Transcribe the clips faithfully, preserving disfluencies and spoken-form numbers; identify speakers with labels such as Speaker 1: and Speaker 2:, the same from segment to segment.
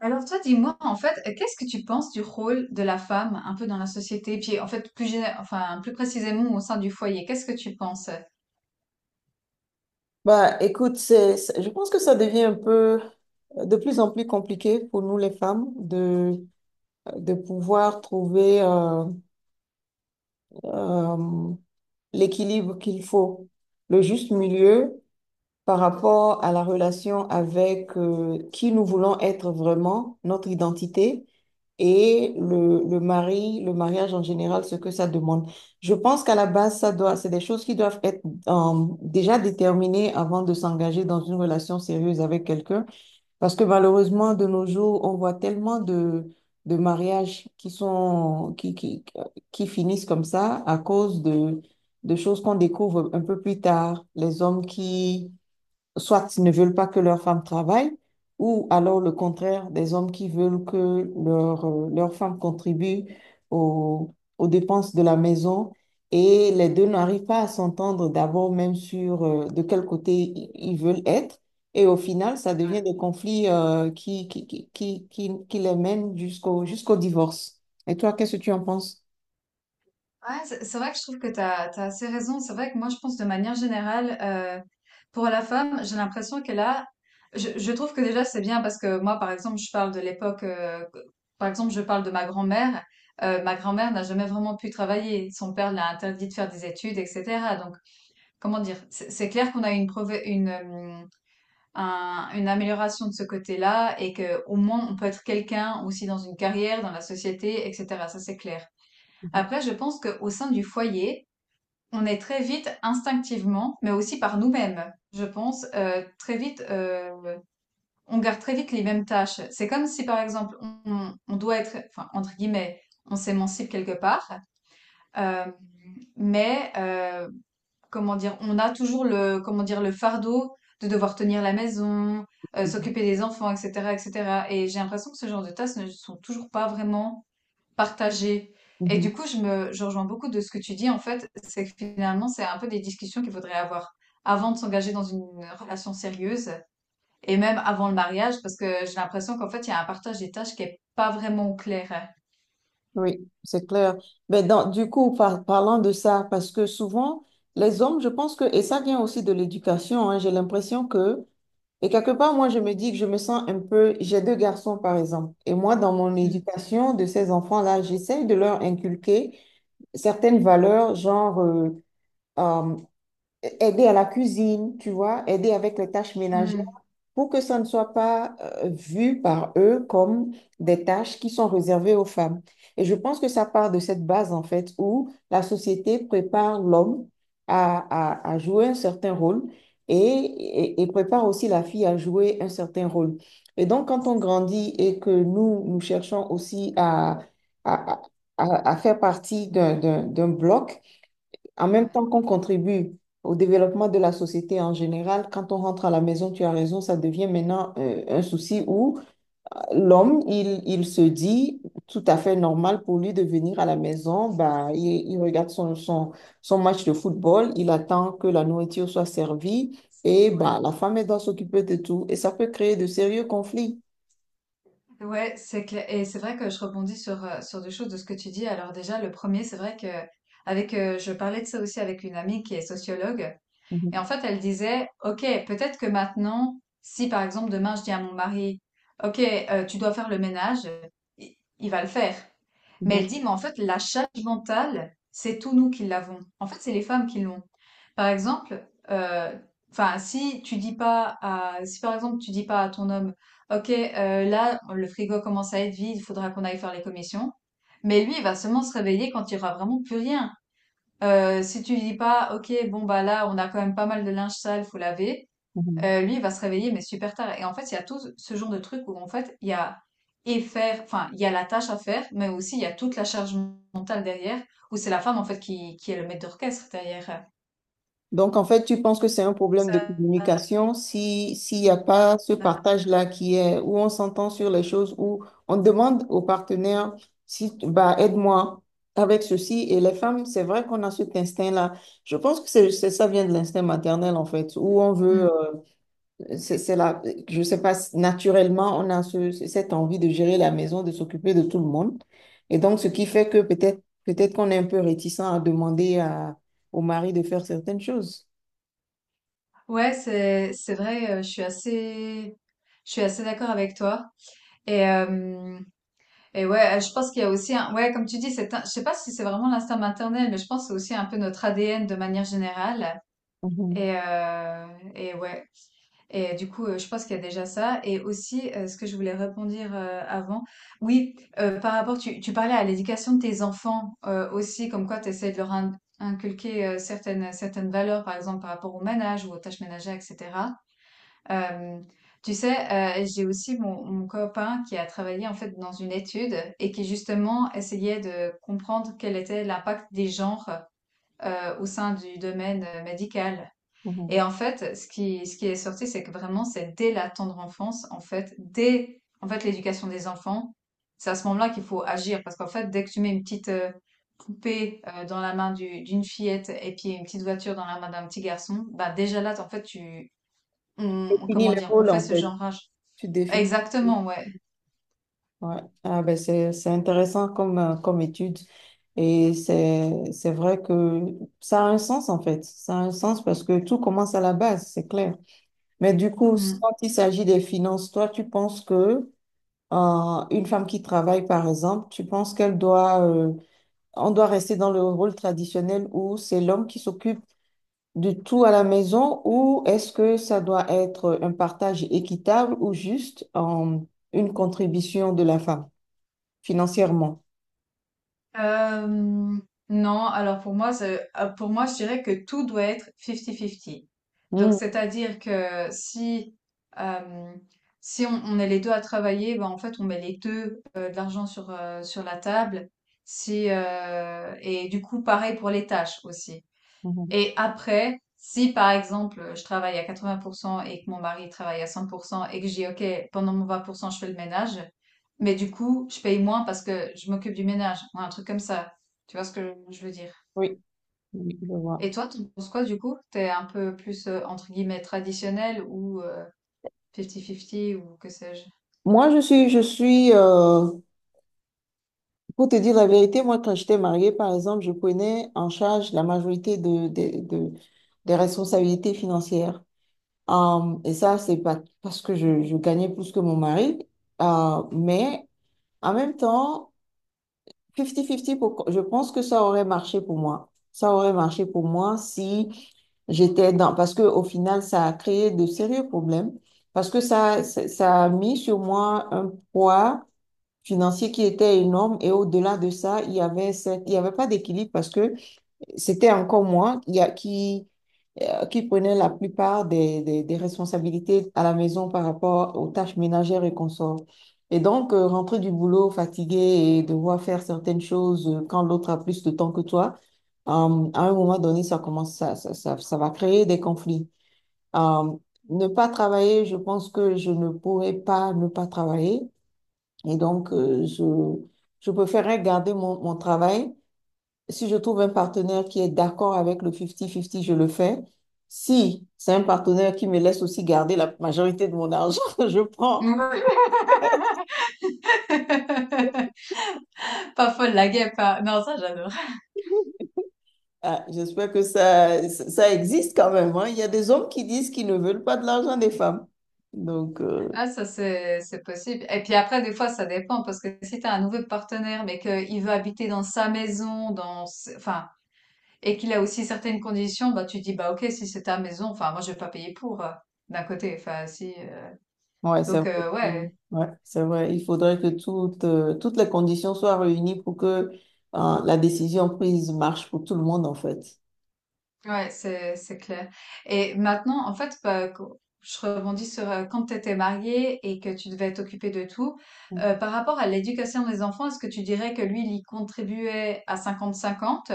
Speaker 1: Alors toi, dis-moi, en fait, euh, qu'est-ce que tu penses du rôle de la femme un peu dans la société, puis en fait plus géné- enfin plus précisément au sein du foyer, qu'est-ce que tu penses?
Speaker 2: Bah, écoute, c'est, c'est- je pense que ça devient un peu euh, de plus en plus compliqué pour nous les femmes de, euh, de pouvoir trouver euh, euh, l'équilibre qu'il faut, le juste milieu par rapport à la relation avec euh, qui nous voulons être vraiment, notre identité et le, le mari, le mariage en général, ce que ça demande. Je pense qu'à la base, ça doit, c'est des choses qui doivent être euh, déjà déterminées avant de s'engager dans une relation sérieuse avec quelqu'un, parce que malheureusement, de nos jours, on voit tellement de de mariages qui sont qui, qui, qui finissent comme ça à cause de, de choses qu'on découvre un peu plus tard. Les hommes qui, soit ne veulent pas que leurs femmes travaillent, ou alors le contraire, des hommes qui veulent que leur, euh, leurs femmes contribuent aux, aux dépenses de la maison. Et les deux n'arrivent pas à s'entendre d'abord même sur euh, de quel côté i- ils veulent être. Et au final, ça devient des conflits euh, qui, qui, qui, qui, qui- qui les mènent jusqu'au jusqu'au divorce. Et toi, qu'est-ce que tu en penses?
Speaker 1: Ouais, c'est c'est vrai que je trouve que tu as, assez raison. C'est vrai que moi, je pense de manière générale, euh, pour la femme, j'ai l'impression qu'elle a... Je, je trouve que déjà, c'est bien parce que moi, par exemple, je parle de l'époque... euh, par exemple, je parle de ma grand-mère. Euh, ma grand-mère n'a jamais vraiment pu travailler. Son père l'a interdit de faire des études, et cetera. Donc, comment dire? C'est c'est clair qu'on a une, prove- une, euh, un- une amélioration de ce côté-là et que au moins, on peut être quelqu'un aussi dans une carrière, dans la société, et cetera. Ça, c'est clair.
Speaker 2: Mhm.
Speaker 1: Après, je pense qu'au sein du foyer, on est très vite instinctivement, mais aussi par nous-mêmes, je pense, euh, très vite, euh, on garde très vite les mêmes tâches. C'est comme si, par exemple, on, on doit être, enfin, entre guillemets, on s'émancipe quelque part, euh, mais euh, comment dire, on a toujours le, comment dire, le fardeau de devoir tenir la maison, euh, s'occuper des enfants, et cetera, et cetera. Et cetera. Et j'ai l'impression que ce genre de tâches ne sont toujours pas vraiment partagé. Et
Speaker 2: Mhm.
Speaker 1: du coup, je me, je rejoins beaucoup de ce que tu dis, en fait, c'est que finalement, c'est un peu des discussions qu'il faudrait avoir avant de s'engager dans une relation sérieuse et même avant le mariage, parce que j'ai l'impression qu'en fait, il y a un partage des tâches qui est pas vraiment clair.
Speaker 2: Oui, c'est clair. Mais dans- du coup, par- parlant de ça, parce que souvent, les hommes, je pense que, et ça vient aussi de l'éducation, hein, j'ai l'impression que, et quelque part, moi, je me dis que je me sens un peu, j'ai deux garçons, par exemple, et moi, dans mon
Speaker 1: Mm.
Speaker 2: éducation de ces enfants-là, j'essaye de leur inculquer certaines valeurs, genre euh, euh, aider à la cuisine, tu vois, aider avec les tâches ménagères
Speaker 1: Mm.
Speaker 2: pour que ça ne soit pas euh, vu par eux comme des tâches qui sont réservées aux femmes. Et je pense que ça part de cette base, en fait, où la société prépare l'homme à, à- à jouer un certain rôle et, et- et prépare aussi la fille à jouer un certain rôle. Et donc, quand on grandit et que nous, nous cherchons aussi à, à, à- à- à faire partie d'un d'un- d'un bloc, en même
Speaker 1: Ouais,
Speaker 2: temps qu'on contribue au développement de la société en général, quand on rentre à la maison, tu as raison, ça devient maintenant euh, un souci où l'homme, il, il se dit tout à fait normal pour lui de venir à la maison, bah, il, il regarde son, son, son match de football, il attend que la nourriture soit servie et
Speaker 1: ouais.
Speaker 2: bah, la femme, elle doit s'occuper de tout et ça peut créer de sérieux conflits.
Speaker 1: Ouais, c'est clair. Et c'est vrai que je rebondis sur, euh, sur deux choses de ce que tu dis. Alors déjà, le premier, c'est vrai que avec, euh, je parlais de ça aussi avec une amie qui est sociologue. Et en
Speaker 2: Mhm,
Speaker 1: fait, elle disait, OK, peut-être que maintenant, si par exemple demain je dis à mon mari, OK, euh, tu dois faire le ménage, il, il va le faire. Mais
Speaker 2: mhm,
Speaker 1: elle dit, mais en fait, la charge mentale, c'est tous nous qui l'avons. En fait, c'est les femmes qui l'ont. Par exemple, euh, enfin, si tu dis pas à, si par exemple tu dis pas à ton homme, OK, euh, là, le frigo commence à être vide, il faudra qu'on aille faire les commissions. Mais lui, il va seulement se réveiller quand il y aura vraiment plus rien. Euh, si tu lui dis pas, ok, bon bah là, on a quand même pas mal de linge sale, faut laver.
Speaker 2: mhm.
Speaker 1: Euh, lui, il va se réveiller, mais super tard. Et en fait, il y a tout ce genre de truc où en fait, il y a et faire, enfin, il y a la tâche à faire, mais aussi il y a toute la charge mentale derrière, où c'est la femme en fait qui, qui est le maître d'orchestre derrière.
Speaker 2: Donc, en fait, tu penses que c'est un problème de
Speaker 1: Ça,
Speaker 2: communication si, s'il n'y a pas ce partage-là qui est où on s'entend sur les choses, où on demande au partenaire si, bah, aide-moi avec ceci. Et les femmes, c'est vrai qu'on a cet instinct-là. Je pense que c'est, c'est- ça vient de l'instinct maternel, en fait, où on veut,
Speaker 1: Hmm.
Speaker 2: euh, c'est, c'est la, je sais pas, naturellement, on a ce- cette envie de gérer la maison, de s'occuper de tout le monde. Et donc, ce qui fait que peut-être, peut-être qu'on est un peu réticent à demander à, au mari de faire certaines choses.
Speaker 1: Ouais, c'est c'est vrai, euh, je suis assez je suis assez d'accord avec toi. Et euh, Et ouais, euh, je pense qu'il y a aussi un, ouais, comme tu dis, c'est un- je sais pas si c'est vraiment l'instinct maternel, mais je pense que c'est aussi un peu notre A D N de manière générale.
Speaker 2: Mhm,
Speaker 1: Et, euh, et ouais. Et du coup, euh, je pense qu'il y a déjà ça. Et aussi, euh, ce que je voulais répondre euh, avant, oui, euh, par rapport, tu, tu parlais à l'éducation de tes enfants euh, aussi, comme quoi tu essaies de leur in- inculquer euh, certaines, certaines valeurs, par exemple, par rapport au ménage ou aux tâches ménagères, et cetera. Hem, Tu sais, heu, j'ai aussi mon mon copain qui a travaillé en fait dans une étude et qui justement essayait de comprendre quel était l'impact des genres, heu, au sein du domaine, heu, médical.
Speaker 2: mhm.
Speaker 1: Et en fait, ce qui ce qui est sorti, c'est que vraiment c'est dès la tendre enfance, en fait, dès en fait l'éducation des enfants, c'est à ce moment-là qu'il faut agir parce qu'en fait, dès que tu mets une petite, heu, poupée, heu, dans la main du d'une fillette et puis une petite voiture dans la main d'un petit garçon, bah, déjà là, en fait, tu on comment
Speaker 2: Définis le
Speaker 1: dire? On
Speaker 2: rôle,
Speaker 1: fait
Speaker 2: en
Speaker 1: ce
Speaker 2: fait.
Speaker 1: genrage.
Speaker 2: Tu définis.
Speaker 1: Exactement, ouais.
Speaker 2: Ouais. Ah ben c'est c'est intéressant comme, euh, comme étude et c'est c'est vrai que ça a un sens en fait. Ça a un sens parce que tout commence à la base, c'est clair. Mais du coup,
Speaker 1: Mmh.
Speaker 2: quand il s'agit des finances, toi, tu penses que euh, une femme qui travaille, par exemple, tu penses qu'elle doit, euh, on doit rester dans le rôle traditionnel où c'est l'homme qui s'occupe de tout à la maison ou est-ce que ça doit être un partage équitable ou juste euh, une contribution de la femme financièrement?
Speaker 1: Hem, non, alors pour moi, ce ah, pour moi, je dirais que tout doit être cinquante cinquante. Donc
Speaker 2: Mhm,
Speaker 1: c'est-à-dire que si, hem, si on on est les deux à travailler, ben, en fait, on met les deux heu, de l'argent sur, heu, sur la table. Si, heu et du coup, pareil pour les tâches aussi.
Speaker 2: mhm.
Speaker 1: Et après, si par exemple je travaille à quatre-vingts pour cent et que mon mari travaille à cent pour cent et que je dis OK, pendant mon vingt pour cent je fais le ménage, mais du coup je paye moins parce que je m'occupe du ménage, ou un truc comme ça. Tu vois ce que je veux dire?
Speaker 2: Oui, oui, je vois.
Speaker 1: Et toi, tu penses quoi du coup? T'es un peu plus euh, entre guillemets traditionnel ou euh, cinquante cinquante ou que sais-je?
Speaker 2: Moi, je suis, je suis, euh, pour te dire la vérité, moi, quand j'étais mariée, par exemple, je prenais en charge la majorité de, de- de- des responsabilités financières. Euh, et ça, c'est pas parce que je, je gagnais plus que mon mari. Euh, mais en même temps, cinquante cinquante, pour- je pense que ça aurait marché pour moi. Ça aurait marché pour moi si j'étais dans... Parce que au final, ça a créé de sérieux problèmes. Parce que ça, ça, ça a mis sur moi un poids financier qui était énorme. Et au-delà de ça, il y avait cette- il y avait pas d'équilibre parce que c'était encore moi qui, a- qui, euh, qui prenaient la plupart des, des- des responsabilités à la maison par rapport aux tâches ménagères et consorts. Et donc, euh, rentrer du boulot fatigué et devoir faire certaines choses euh, quand l'autre a plus de temps que toi, euh, à un moment donné, ça commence, ça, ça, ça, ça va créer des conflits. Euh, Ne pas travailler, je pense que je ne pourrais pas ne pas travailler. Et donc, euh, je, je préférerais garder mon, mon travail. Si je trouve un partenaire qui est d'accord avec le cinquante cinquante, je le fais. Si c'est un partenaire qui me laisse aussi garder la majorité de mon argent, je prends.
Speaker 1: Pas folle la guêpe, hein. Non, ça j'adore.
Speaker 2: Ah, j'espère que ça, ça existe quand même, hein. Il y a des hommes qui disent qu'ils ne veulent pas de l'argent des femmes. Donc, euh,
Speaker 1: Ah, ça, c'est, c'est possible. Et puis après, des fois, ça dépend, parce que si t'as un nouveau partenaire, mais qu'il veut habiter dans sa maison, dans, s- enfin, et qu'il a aussi certaines conditions, bah, tu dis, bah, ok, si c'est ta maison, enfin, moi, je vais pas payer pour, euh, d'un côté, enfin, si, euh,
Speaker 2: ouais, c'est
Speaker 1: donc,
Speaker 2: vrai.
Speaker 1: euh, ouais.
Speaker 2: que- ouais, c'est vrai. Il faudrait que toutes, euh, toutes les conditions soient réunies pour que, euh, la décision prise marche pour tout le monde, en fait.
Speaker 1: Ouais, c'est c'est clair. Et maintenant, en fait, bah, co- je rebondis sur euh, quand tu étais mariée et que tu devais t'occuper de tout. Euh, par rapport à l'éducation des enfants, est-ce que tu dirais que lui, il y contribuait à cinquante cinquante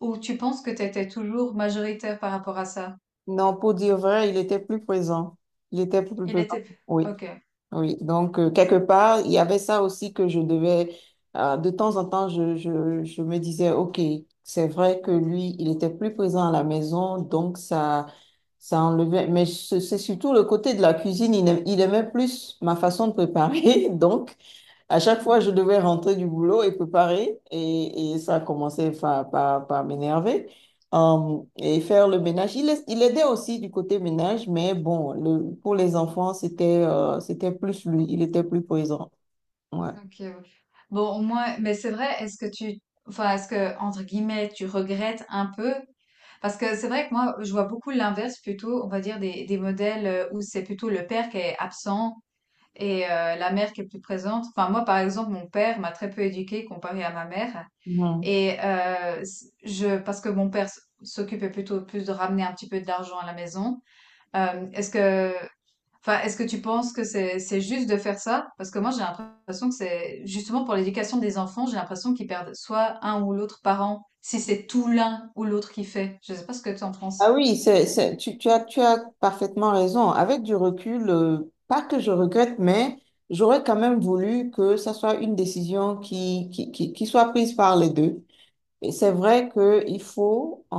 Speaker 1: ou tu penses que tu étais toujours majoritaire par rapport à ça?
Speaker 2: Non, pour dire vrai, il était plus présent. Il était plus
Speaker 1: Il
Speaker 2: présent.
Speaker 1: était...
Speaker 2: Oui.
Speaker 1: Ok.
Speaker 2: Oui, donc euh, quelque part, il y avait ça aussi que je devais, euh, de temps en temps, je, je, je me disais, OK, c'est vrai que lui, il était plus présent à la maison, donc ça, ça enlevait. Mais c'est c'est surtout le côté de la cuisine, il aimait, il aimait plus ma façon de préparer, donc à chaque fois, je devais rentrer du boulot et préparer, et, et ça commençait par, par, par m'énerver. Euh, et faire le ménage. Il, est- il aidait aussi du côté ménage, mais bon, le, pour les enfants, c'était euh, c'était plus lui, il était plus présent. Ouais.
Speaker 1: OK, ouais. Bon, au moins, mais c'est vrai, est-ce que tu, enfin, est-ce que, entre guillemets, tu regrettes un peu? Parce que c'est vrai que moi, je vois beaucoup l'inverse plutôt, on va dire, des, des modèles euh, où c'est plutôt le père qui est absent et euh, la mère qui est plus présente. Enfin, moi, par exemple, mon père m'a très peu éduquée comparé à ma mère.
Speaker 2: Ouais.
Speaker 1: Et euh, s- je, parce que mon père s- s'occupait plutôt plus de ramener un petit peu d'argent à la maison. Euh, est-ce que, enfin, Est-ce que tu penses que c'est c'est juste de faire ça? Parce que moi, j'ai l'impression que c'est justement pour l'éducation des enfants, j'ai l'impression qu'ils perdent soit un ou l'autre parent, si c'est tout l'un ou l'autre qui fait. Je sais pas ce que tu en
Speaker 2: Ah
Speaker 1: penses.
Speaker 2: oui, c'est, c'est, tu, tu as, tu as parfaitement raison. Avec du recul, euh, pas que je regrette, mais j'aurais quand même voulu que ça soit une décision qui, qui, qui, qui soit prise par les deux. Et c'est vrai qu'il faut euh,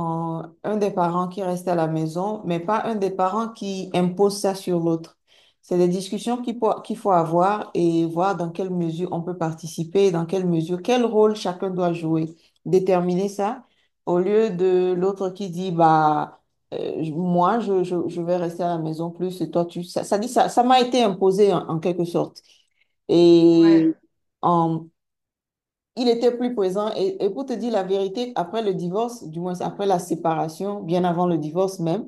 Speaker 2: un des parents qui reste à la maison, mais pas un des parents qui impose ça sur l'autre. C'est des discussions qu'il faut, qu'il faut avoir et voir dans quelle mesure on peut participer, dans quelle mesure, quel rôle chacun doit jouer. Déterminer ça au lieu de l'autre qui dit, bah, euh, je- moi, je, je, je vais rester à la maison plus et toi, tu... Ça, ça dit, ça, ça m'a été imposé en en quelque sorte. Et
Speaker 1: Ouais.
Speaker 2: euh, il était plus présent. Et, et pour te dire la vérité, après le divorce, du moins après la séparation, bien avant le divorce même,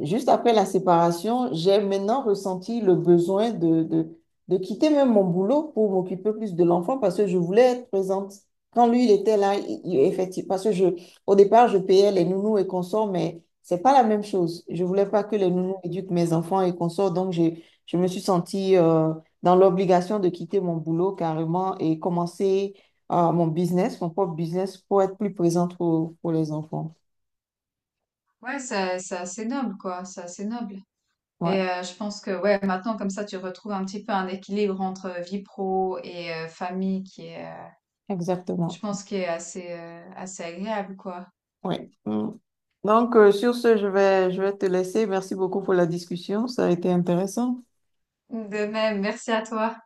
Speaker 2: juste après la séparation, j'ai maintenant ressenti le besoin de, de, de quitter même mon boulot pour m'occuper plus de l'enfant parce que je voulais être présente. Quand lui, il était là, il- il- effectivement, parce que je, au départ, je payais les nounous et consorts, mais c'est pas la même chose. Je voulais pas que les
Speaker 1: Ouais,
Speaker 2: nounous éduquent mes enfants et consorts, donc j'ai, je me suis sentie euh, dans l'obligation de quitter mon boulot carrément et commencer à mon business, mon propre business, pour être plus présente pour, pour les enfants.
Speaker 1: Ouais, c'est c'est assez noble, quoi. C'est assez noble. Et
Speaker 2: Ouais,
Speaker 1: euh, je pense que ouais, maintenant comme ça, tu retrouves un petit peu un équilibre entre vie pro et euh, famille qui est, euh, je
Speaker 2: exactement.
Speaker 1: pense, qui est assez euh, assez agréable, quoi.
Speaker 2: Ouais. Mm. Donc, euh, sur ce, je vais, je vais te laisser. Merci beaucoup pour la discussion. Ça a été intéressant.
Speaker 1: De même, merci à toi.